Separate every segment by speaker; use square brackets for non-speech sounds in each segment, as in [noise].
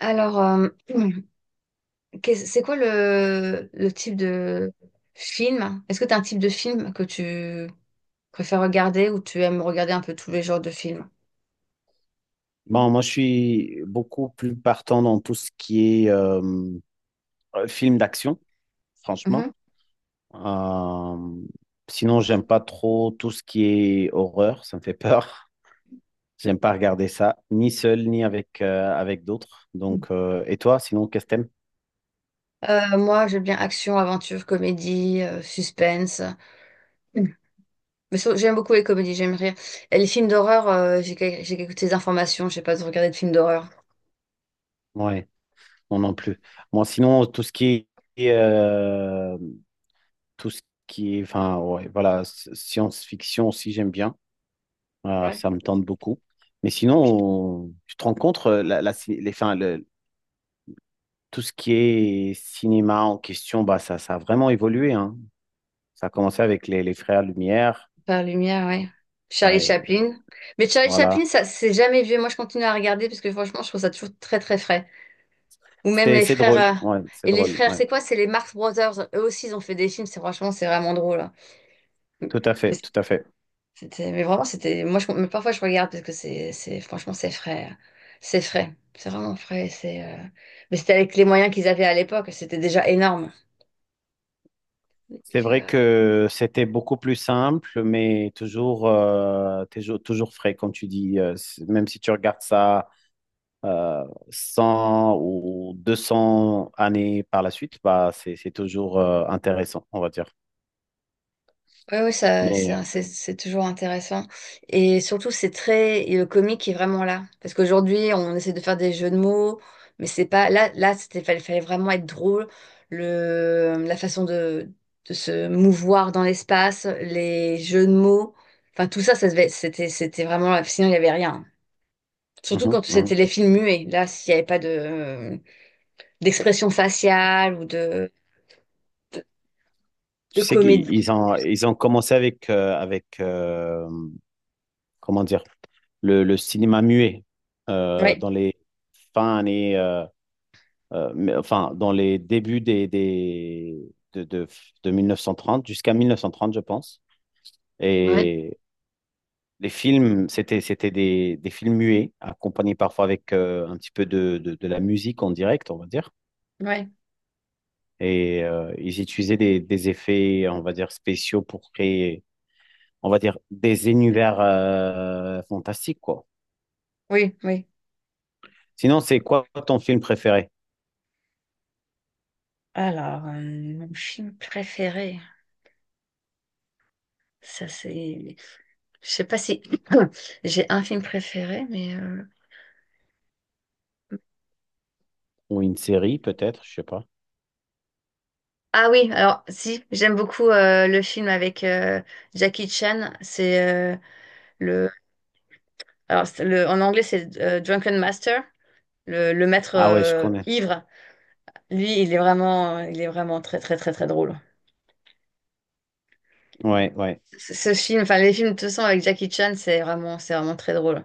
Speaker 1: Alors, [clears throat] c'est quoi le type de film? Est-ce que tu as un type de film que tu préfères regarder ou tu aimes regarder un peu tous les genres de films?
Speaker 2: Bon, moi, je suis beaucoup plus partant dans tout ce qui est film d'action, franchement.
Speaker 1: Mhm.
Speaker 2: Euh, Sinon, j'aime pas trop tout ce qui est horreur, ça me fait peur. [laughs] J'aime pas regarder ça, ni seul, ni avec, avec d'autres. Donc, et toi, sinon, qu'est-ce que t'aimes?
Speaker 1: Moi, j'aime bien action, aventure, comédie, suspense. Mm. Mais j'aime beaucoup les comédies, j'aime rire. Et les films d'horreur, j'ai quelques petites informations, je sais pas de regarder de films d'horreur.
Speaker 2: Ouais, non, non plus. Moi, sinon, est, euh, tout ce qui est, enfin, ouais, voilà, science-fiction aussi, j'aime bien.
Speaker 1: Ouais.
Speaker 2: Ça me tente beaucoup. Mais sinon, je te rencontre enfin, tout ce qui est cinéma en question, bah, ça a vraiment évolué, hein. Ça a commencé avec les Frères Lumière.
Speaker 1: Par lumière, ouais. Charlie
Speaker 2: Ouais,
Speaker 1: Chaplin. Mais Charlie
Speaker 2: voilà.
Speaker 1: Chaplin, ça, c'est jamais vieux. Moi, je continue à regarder parce que franchement, je trouve ça toujours très, très frais. Ou même les
Speaker 2: C'est
Speaker 1: frères,
Speaker 2: drôle. Ouais, c'est
Speaker 1: et les
Speaker 2: drôle.
Speaker 1: frères,
Speaker 2: Ouais.
Speaker 1: c'est quoi? C'est les Marx Brothers. Eux aussi, ils ont fait des films. C'est franchement, c'est vraiment drôle, hein.
Speaker 2: Tout à fait,
Speaker 1: Mais
Speaker 2: tout à fait.
Speaker 1: c'était, mais vraiment, c'était. Moi, mais parfois, je regarde parce que franchement, c'est frais, hein. C'est frais. C'est vraiment frais. C'est. Mais c'était avec les moyens qu'ils avaient à l'époque. C'était déjà énorme.
Speaker 2: C'est vrai que c'était beaucoup plus simple, mais toujours frais, comme tu dis. Même si tu regardes ça euh, 100 ou 200 années par la suite, bah, c'est toujours intéressant, on va dire.
Speaker 1: Oui, oui,
Speaker 2: Mais
Speaker 1: c'est toujours intéressant. Et surtout, et le comique est vraiment là. Parce qu'aujourd'hui, on essaie de faire des jeux de mots, mais c'est pas, là, fallait vraiment être drôle. Le, la façon de se mouvoir dans l'espace, les jeux de mots, enfin, tout ça, c'était vraiment, sinon, il n'y avait rien.
Speaker 2: euh,
Speaker 1: Surtout
Speaker 2: mhm,
Speaker 1: quand
Speaker 2: mhm.
Speaker 1: c'était les films muets. Là, s'il n'y avait pas d'expression faciale ou de,
Speaker 2: Tu
Speaker 1: de
Speaker 2: sais qu'ils
Speaker 1: comédie.
Speaker 2: ils ont commencé avec, comment dire, le cinéma muet
Speaker 1: Oui,
Speaker 2: dans les fins années, enfin, dans les débuts de, de, de 1930 jusqu'à 1930, je pense.
Speaker 1: oui,
Speaker 2: Et les films, c'était, c'était des films muets, accompagnés parfois avec un petit peu de la musique en direct, on va dire. Et ils utilisaient des effets, on va dire, spéciaux pour créer, on va dire, des univers fantastiques, quoi.
Speaker 1: oui, oui.
Speaker 2: Sinon, c'est quoi ton film préféré?
Speaker 1: Alors, mon film préféré, ça c'est. Je sais pas si [clears throat] j'ai un film préféré,
Speaker 2: Ou une série, peut-être, je sais pas.
Speaker 1: Ah oui, alors si, j'aime beaucoup le film avec Jackie Chan. C'est le. Alors, c'est le. En anglais, c'est Drunken Master, le maître
Speaker 2: Ah ouais, je connais.
Speaker 1: ivre. Lui, il est vraiment très, très, très, très drôle.
Speaker 2: Ouais, ouais.
Speaker 1: Ce film, enfin les films de toute façon avec Jackie Chan, c'est vraiment très drôle.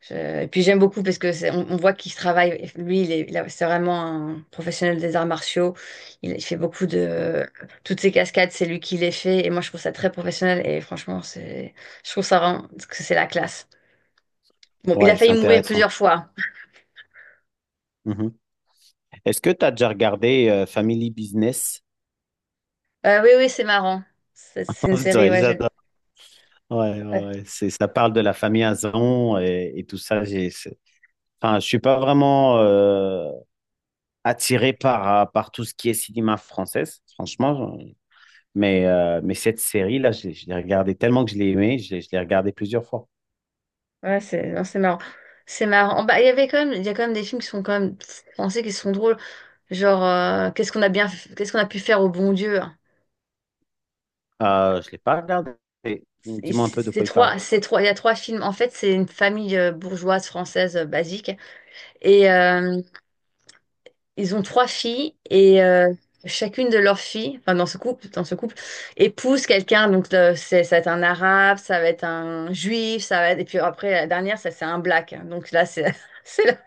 Speaker 1: Et puis j'aime beaucoup parce que on voit qu'il travaille. Lui, il est, il a- c'est vraiment un professionnel des arts martiaux. Il fait beaucoup de toutes ses cascades, c'est lui qui les fait. Et moi, je trouve ça très professionnel. Et franchement, je trouve ça vraiment que c'est la classe. Bon, il a
Speaker 2: Ouais, c'est
Speaker 1: failli mourir
Speaker 2: intéressant.
Speaker 1: plusieurs fois.
Speaker 2: Mhm. Est-ce que tu as déjà regardé Family Business?
Speaker 1: Oui, oui, c'est marrant. C'est
Speaker 2: [laughs]
Speaker 1: une
Speaker 2: On
Speaker 1: série,
Speaker 2: dirait,
Speaker 1: ouais, j'aime.
Speaker 2: j'adore. Ouais, ouais,
Speaker 1: Ouais,
Speaker 2: ouais. C'est, ça parle de la famille Azon et tout ça. Enfin, je suis pas vraiment attiré par, par tout ce qui est cinéma française, franchement. Mais cette série-là, je l'ai regardée tellement que je l'ai aimée, je l'ai regardée plusieurs fois.
Speaker 1: ouais, c'est non, c'est marrant. C'est marrant. Bah, il y a quand même des films qui sont quand même français, qui sont drôles. Genre, qu'est-ce qu'on a pu faire au bon Dieu?
Speaker 2: Je l'ai pas regardée.
Speaker 1: Et
Speaker 2: Dis-moi un peu de quoi il parle.
Speaker 1: Il y a trois films. En fait, c'est une famille bourgeoise française basique. Et ils ont trois filles et chacune de leurs filles, enfin dans ce couple, épouse quelqu'un. Donc ça va être un arabe, ça va être un juif, ça va être. Et puis après la dernière, ça c'est un black. Donc là, [laughs] c'est, la-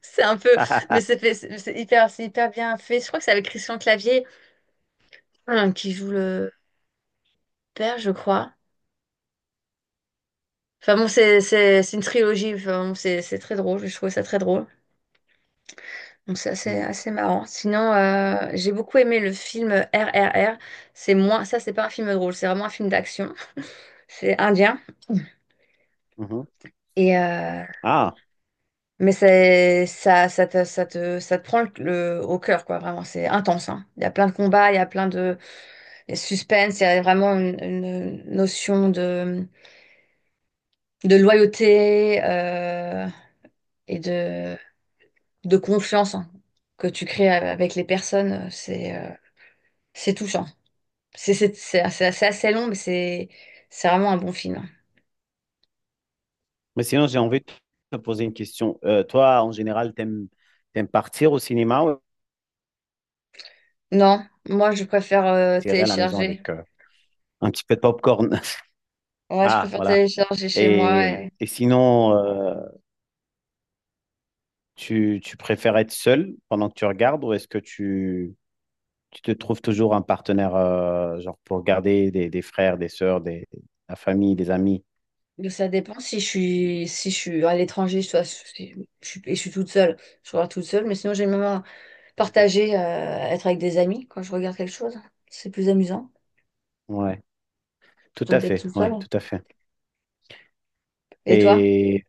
Speaker 1: c'est un peu, mais c'est fait, c'est hyper, c'est hyper bien fait. Je crois que c'est avec Christian Clavier, hein, qui joue le père, je crois. Enfin bon, c'est une trilogie. Enfin, bon, c'est très drôle. Je trouve ça très drôle. Donc ça, c'est
Speaker 2: Mhm.
Speaker 1: assez marrant. Sinon, j'ai beaucoup aimé le film RRR. C'est moins, ça, c'est pas un film drôle, c'est vraiment un film d'action. [laughs] C'est indien.
Speaker 2: Mhm.
Speaker 1: Et
Speaker 2: Ah.
Speaker 1: mais c'est ça, ça te prend au cœur, quoi, vraiment. C'est intense, hein. Il y a plein de combats, il y a suspense, il y a vraiment une notion de loyauté et de confiance, hein, que tu crées avec les personnes. C'est touchant. C'est assez long, mais c'est vraiment un bon film.
Speaker 2: Mais sinon, j'ai envie de te poser une question. Toi, en général, t'aimes partir au cinéma ou
Speaker 1: Non, moi je préfère
Speaker 2: tirer à la maison
Speaker 1: télécharger.
Speaker 2: avec un petit peu de popcorn? [laughs]
Speaker 1: Ouais, je
Speaker 2: Ah,
Speaker 1: préfère
Speaker 2: voilà.
Speaker 1: télécharger chez moi.
Speaker 2: Et, et sinon, tu préfères être seul pendant que tu regardes ou est-ce que tu te trouves toujours un partenaire genre pour regarder des frères, des sœurs, des, la famille, des amis?
Speaker 1: Mais ça dépend si je suis à l'étranger, soit si je suis, et je suis toute seule. Je regarde toute seule, mais sinon j'aime bien partager, être avec des amis quand je regarde quelque chose. C'est plus amusant
Speaker 2: Ouais, tout
Speaker 1: plutôt que
Speaker 2: à
Speaker 1: d'être
Speaker 2: fait.
Speaker 1: toute seule.
Speaker 2: Ouais, tout à fait.
Speaker 1: Et toi?
Speaker 2: Et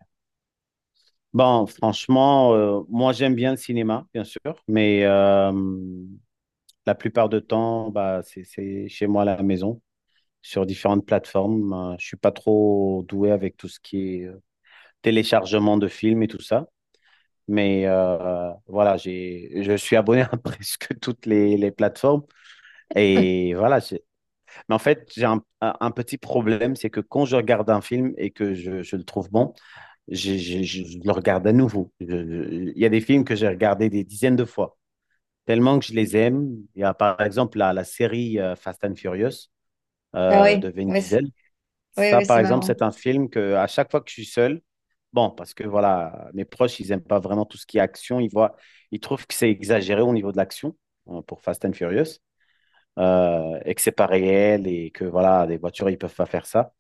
Speaker 2: bon, franchement, moi j'aime bien le cinéma, bien sûr, mais la plupart du temps, bah, c'est chez moi à la maison, sur différentes plateformes. Je suis pas trop doué avec tout ce qui est téléchargement de films et tout ça. Mais voilà, je suis abonné [laughs] à presque toutes les plateformes. Et voilà, mais en fait, j'ai un petit problème, c'est que quand je regarde un film et que je le trouve bon, je le regarde à nouveau. Il y a des films que j'ai regardés des dizaines de fois, tellement que je les aime. Il y a par exemple la série Fast and Furious,
Speaker 1: Ah
Speaker 2: de
Speaker 1: oui,
Speaker 2: Vin
Speaker 1: oui,
Speaker 2: Diesel.
Speaker 1: oui,
Speaker 2: Ça,
Speaker 1: oui,
Speaker 2: par
Speaker 1: c'est
Speaker 2: exemple,
Speaker 1: marrant.
Speaker 2: c'est un film que à chaque fois que je suis seul, bon, parce que voilà, mes proches, ils n'aiment pas vraiment tout ce qui est action. Ils voient, ils trouvent que c'est exagéré au niveau de l'action, hein, pour Fast and Furious, et que c'est pas réel et que voilà, les voitures, ils peuvent pas faire ça.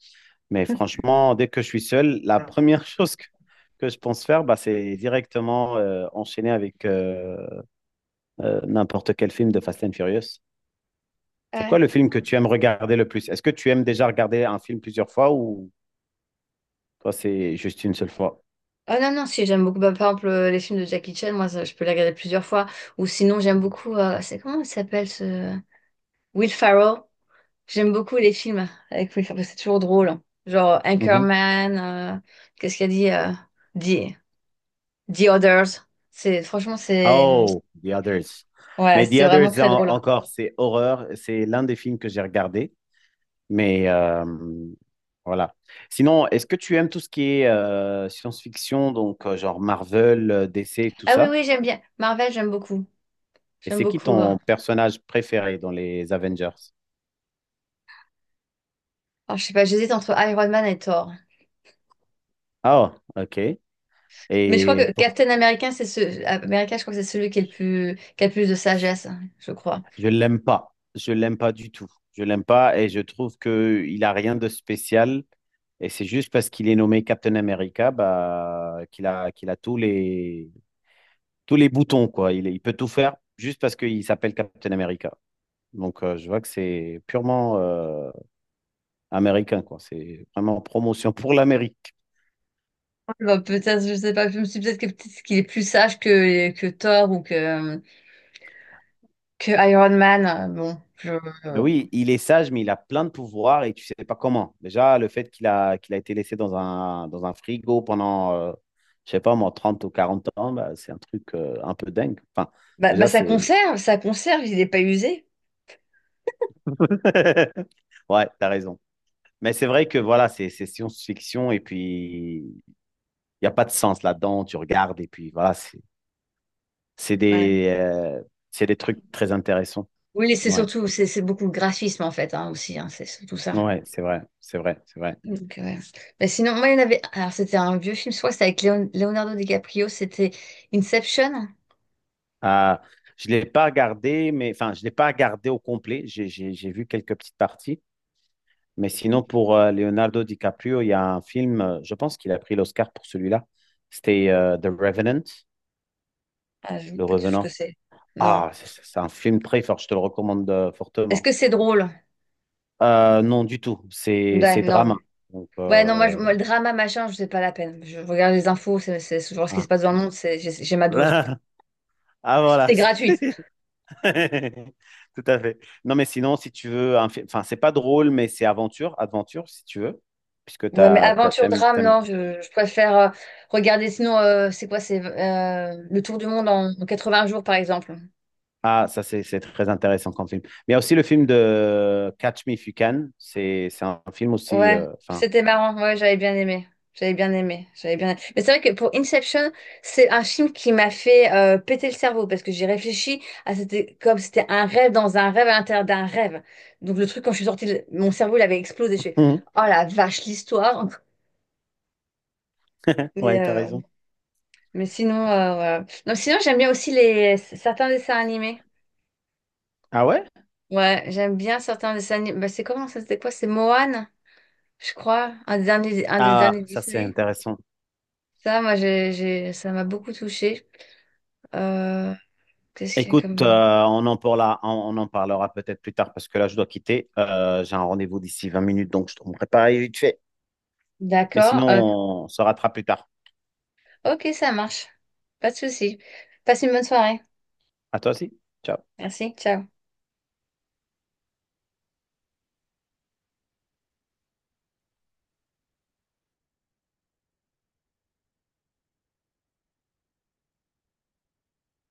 Speaker 2: Mais franchement, dès que je suis seul, la première [laughs] chose que je pense faire, bah, c'est directement enchaîner avec n'importe quel film de Fast and Furious. C'est quoi
Speaker 1: Ouais.
Speaker 2: le film que tu aimes regarder le plus? Est-ce que tu aimes déjà regarder un film plusieurs fois ou toi, c'est juste une seule fois.
Speaker 1: Ah non, non, si, j'aime beaucoup. Bah, par exemple, les films de Jackie Chan, moi, ça, je peux les regarder plusieurs fois. Ou sinon, j'aime beaucoup. C'est comment il s'appelle ce. Will Ferrell. J'aime beaucoup les films avec Will Ferrell. C'est toujours drôle, hein. Genre
Speaker 2: Mhm.
Speaker 1: Anchorman. euh, Qu'est-ce qu'il a dit? The, The Others. C'est, franchement, c'est.
Speaker 2: Oh, The Others.
Speaker 1: Ouais,
Speaker 2: Mais
Speaker 1: c'est
Speaker 2: The
Speaker 1: vraiment
Speaker 2: Others,
Speaker 1: très drôle.
Speaker 2: encore, c'est horreur. C'est l'un des films que j'ai regardé. Mais voilà. Sinon, est-ce que tu aimes tout ce qui est science-fiction, donc genre Marvel, DC, tout
Speaker 1: Ah oui,
Speaker 2: ça?
Speaker 1: oui, j'aime bien. Marvel, j'aime beaucoup.
Speaker 2: Et
Speaker 1: J'aime
Speaker 2: c'est qui
Speaker 1: beaucoup.
Speaker 2: ton personnage préféré dans les Avengers?
Speaker 1: Alors, je sais pas, j'hésite entre Iron Man et Thor.
Speaker 2: Ah, ok.
Speaker 1: Mais je crois
Speaker 2: Et
Speaker 1: que
Speaker 2: pour-
Speaker 1: Captain America, c'est ce. America, je crois que c'est celui qui est le plus, qui a le plus de sagesse, hein, je crois.
Speaker 2: je l'aime pas. Je l'aime pas du tout. Je l'aime pas et je trouve que il a rien de spécial. Et c'est juste parce qu'il est nommé Captain America, bah, qu'il a tous tous les boutons, quoi. Il peut tout faire juste parce qu'il s'appelle Captain America. Donc, je vois que c'est purement américain, quoi. C'est vraiment promotion pour l'Amérique.
Speaker 1: Bah, peut-être, je sais pas, je me suis peut-être que- peut-être qu'il est plus sage que, Thor ou que, Iron Man, hein. Bon,
Speaker 2: Mais oui, il est sage, mais il a plein de pouvoirs et tu sais pas comment. Déjà, le fait qu'il a été laissé dans dans un frigo pendant, je sais pas moi, 30 ou 40 ans, bah, c'est un truc un peu dingue. Enfin,
Speaker 1: bah,
Speaker 2: déjà,
Speaker 1: ça
Speaker 2: c'est...
Speaker 1: conserve, ça conserve, il n'est pas usé.
Speaker 2: [laughs] Ouais, t'as raison. Mais c'est vrai que voilà, c'est science-fiction et puis il n'y a pas de sens là-dedans. Tu regardes et puis voilà, c'est
Speaker 1: Ouais.
Speaker 2: des, euh, c'est des trucs très intéressants.
Speaker 1: Oui,
Speaker 2: Ouais,
Speaker 1: c'est beaucoup le graphisme en fait, hein, aussi, hein, c'est surtout ça.
Speaker 2: ouais, c'est vrai, c'est vrai, c'est vrai.
Speaker 1: Donc, ouais. Bah, sinon, moi, il y en avait, alors c'était un vieux film, je crois que c'était avec Leonardo DiCaprio, c'était Inception.
Speaker 2: Ah, je ne l'ai pas regardé, mais enfin, je l'ai pas regardé au complet. J'ai vu quelques petites parties. Mais sinon, pour Leonardo DiCaprio, il y a un film, je pense qu'il a pris l'Oscar pour celui-là. C'était The Revenant,
Speaker 1: Ah, je ne sais
Speaker 2: Le
Speaker 1: pas du tout ce que
Speaker 2: Revenant.
Speaker 1: c'est. Non.
Speaker 2: Ah, c'est un film très fort, je te le recommande
Speaker 1: Est-ce
Speaker 2: fortement.
Speaker 1: que c'est drôle?
Speaker 2: Non, du tout.
Speaker 1: Ouais,
Speaker 2: C'est
Speaker 1: non.
Speaker 2: drama. Donc,
Speaker 1: Ouais, non, moi, moi, le drama, machin, je sais pas la peine. Je regarde les infos, c'est genre ce qui
Speaker 2: ah.
Speaker 1: se passe dans le monde, j'ai ma dose.
Speaker 2: [laughs] Ah, voilà.
Speaker 1: C'est gratuit.
Speaker 2: [laughs] Tout à fait. Non, mais sinon, si tu veux, enfin, c'est pas drôle, mais c'est aventure, aventure, si tu veux, puisque
Speaker 1: Ouais, mais aventure, drame,
Speaker 2: t'aimes-
Speaker 1: non, je préfère regarder. Sinon, c'est quoi? C'est le tour du monde en 20 jours, par exemple.
Speaker 2: Ah, ça, c'est très intéressant comme film. Mais il y a aussi le film de Catch Me If You Can. C'est un film aussi.
Speaker 1: Ouais,
Speaker 2: Enfin,
Speaker 1: c'était marrant. Ouais, j'avais bien aimé. J'avais bien aimé. J'avais bien. Mais c'est vrai que pour Inception, c'est un film qui m'a fait péter le cerveau parce que j'ai réfléchi à c'était comme c'était un rêve dans un rêve à l'intérieur d'un rêve. Donc le truc quand je suis sortie, mon cerveau il avait explosé. Je fais oh
Speaker 2: [laughs]
Speaker 1: la vache l'histoire. [laughs] Mais
Speaker 2: ouais, t'as
Speaker 1: euh,
Speaker 2: raison.
Speaker 1: mais sinon voilà. Non, sinon j'aime bien aussi les certains dessins animés.
Speaker 2: Ah ouais?
Speaker 1: Ouais, j'aime bien certains dessins animés. Bah, c'est comment ça? C'était quoi? C'est Moana, je crois, un des derniers un des
Speaker 2: Ah,
Speaker 1: derniers
Speaker 2: ça, c'est
Speaker 1: Disney.
Speaker 2: intéressant.
Speaker 1: Ça, moi, ça m'a beaucoup touchée. Euh, Qu'est-ce qu'il y a
Speaker 2: Écoute,
Speaker 1: comme...
Speaker 2: on en parlera, on en parlera peut-être plus tard parce que là, je dois quitter. J'ai un rendez-vous d'ici 20 minutes, donc je te prépare vite fait. Mais
Speaker 1: D'accord.
Speaker 2: sinon, on se rattrape plus tard.
Speaker 1: Ok, ça marche. Pas de souci. Passe une bonne soirée.
Speaker 2: À toi aussi. Ciao.
Speaker 1: Merci. Ciao.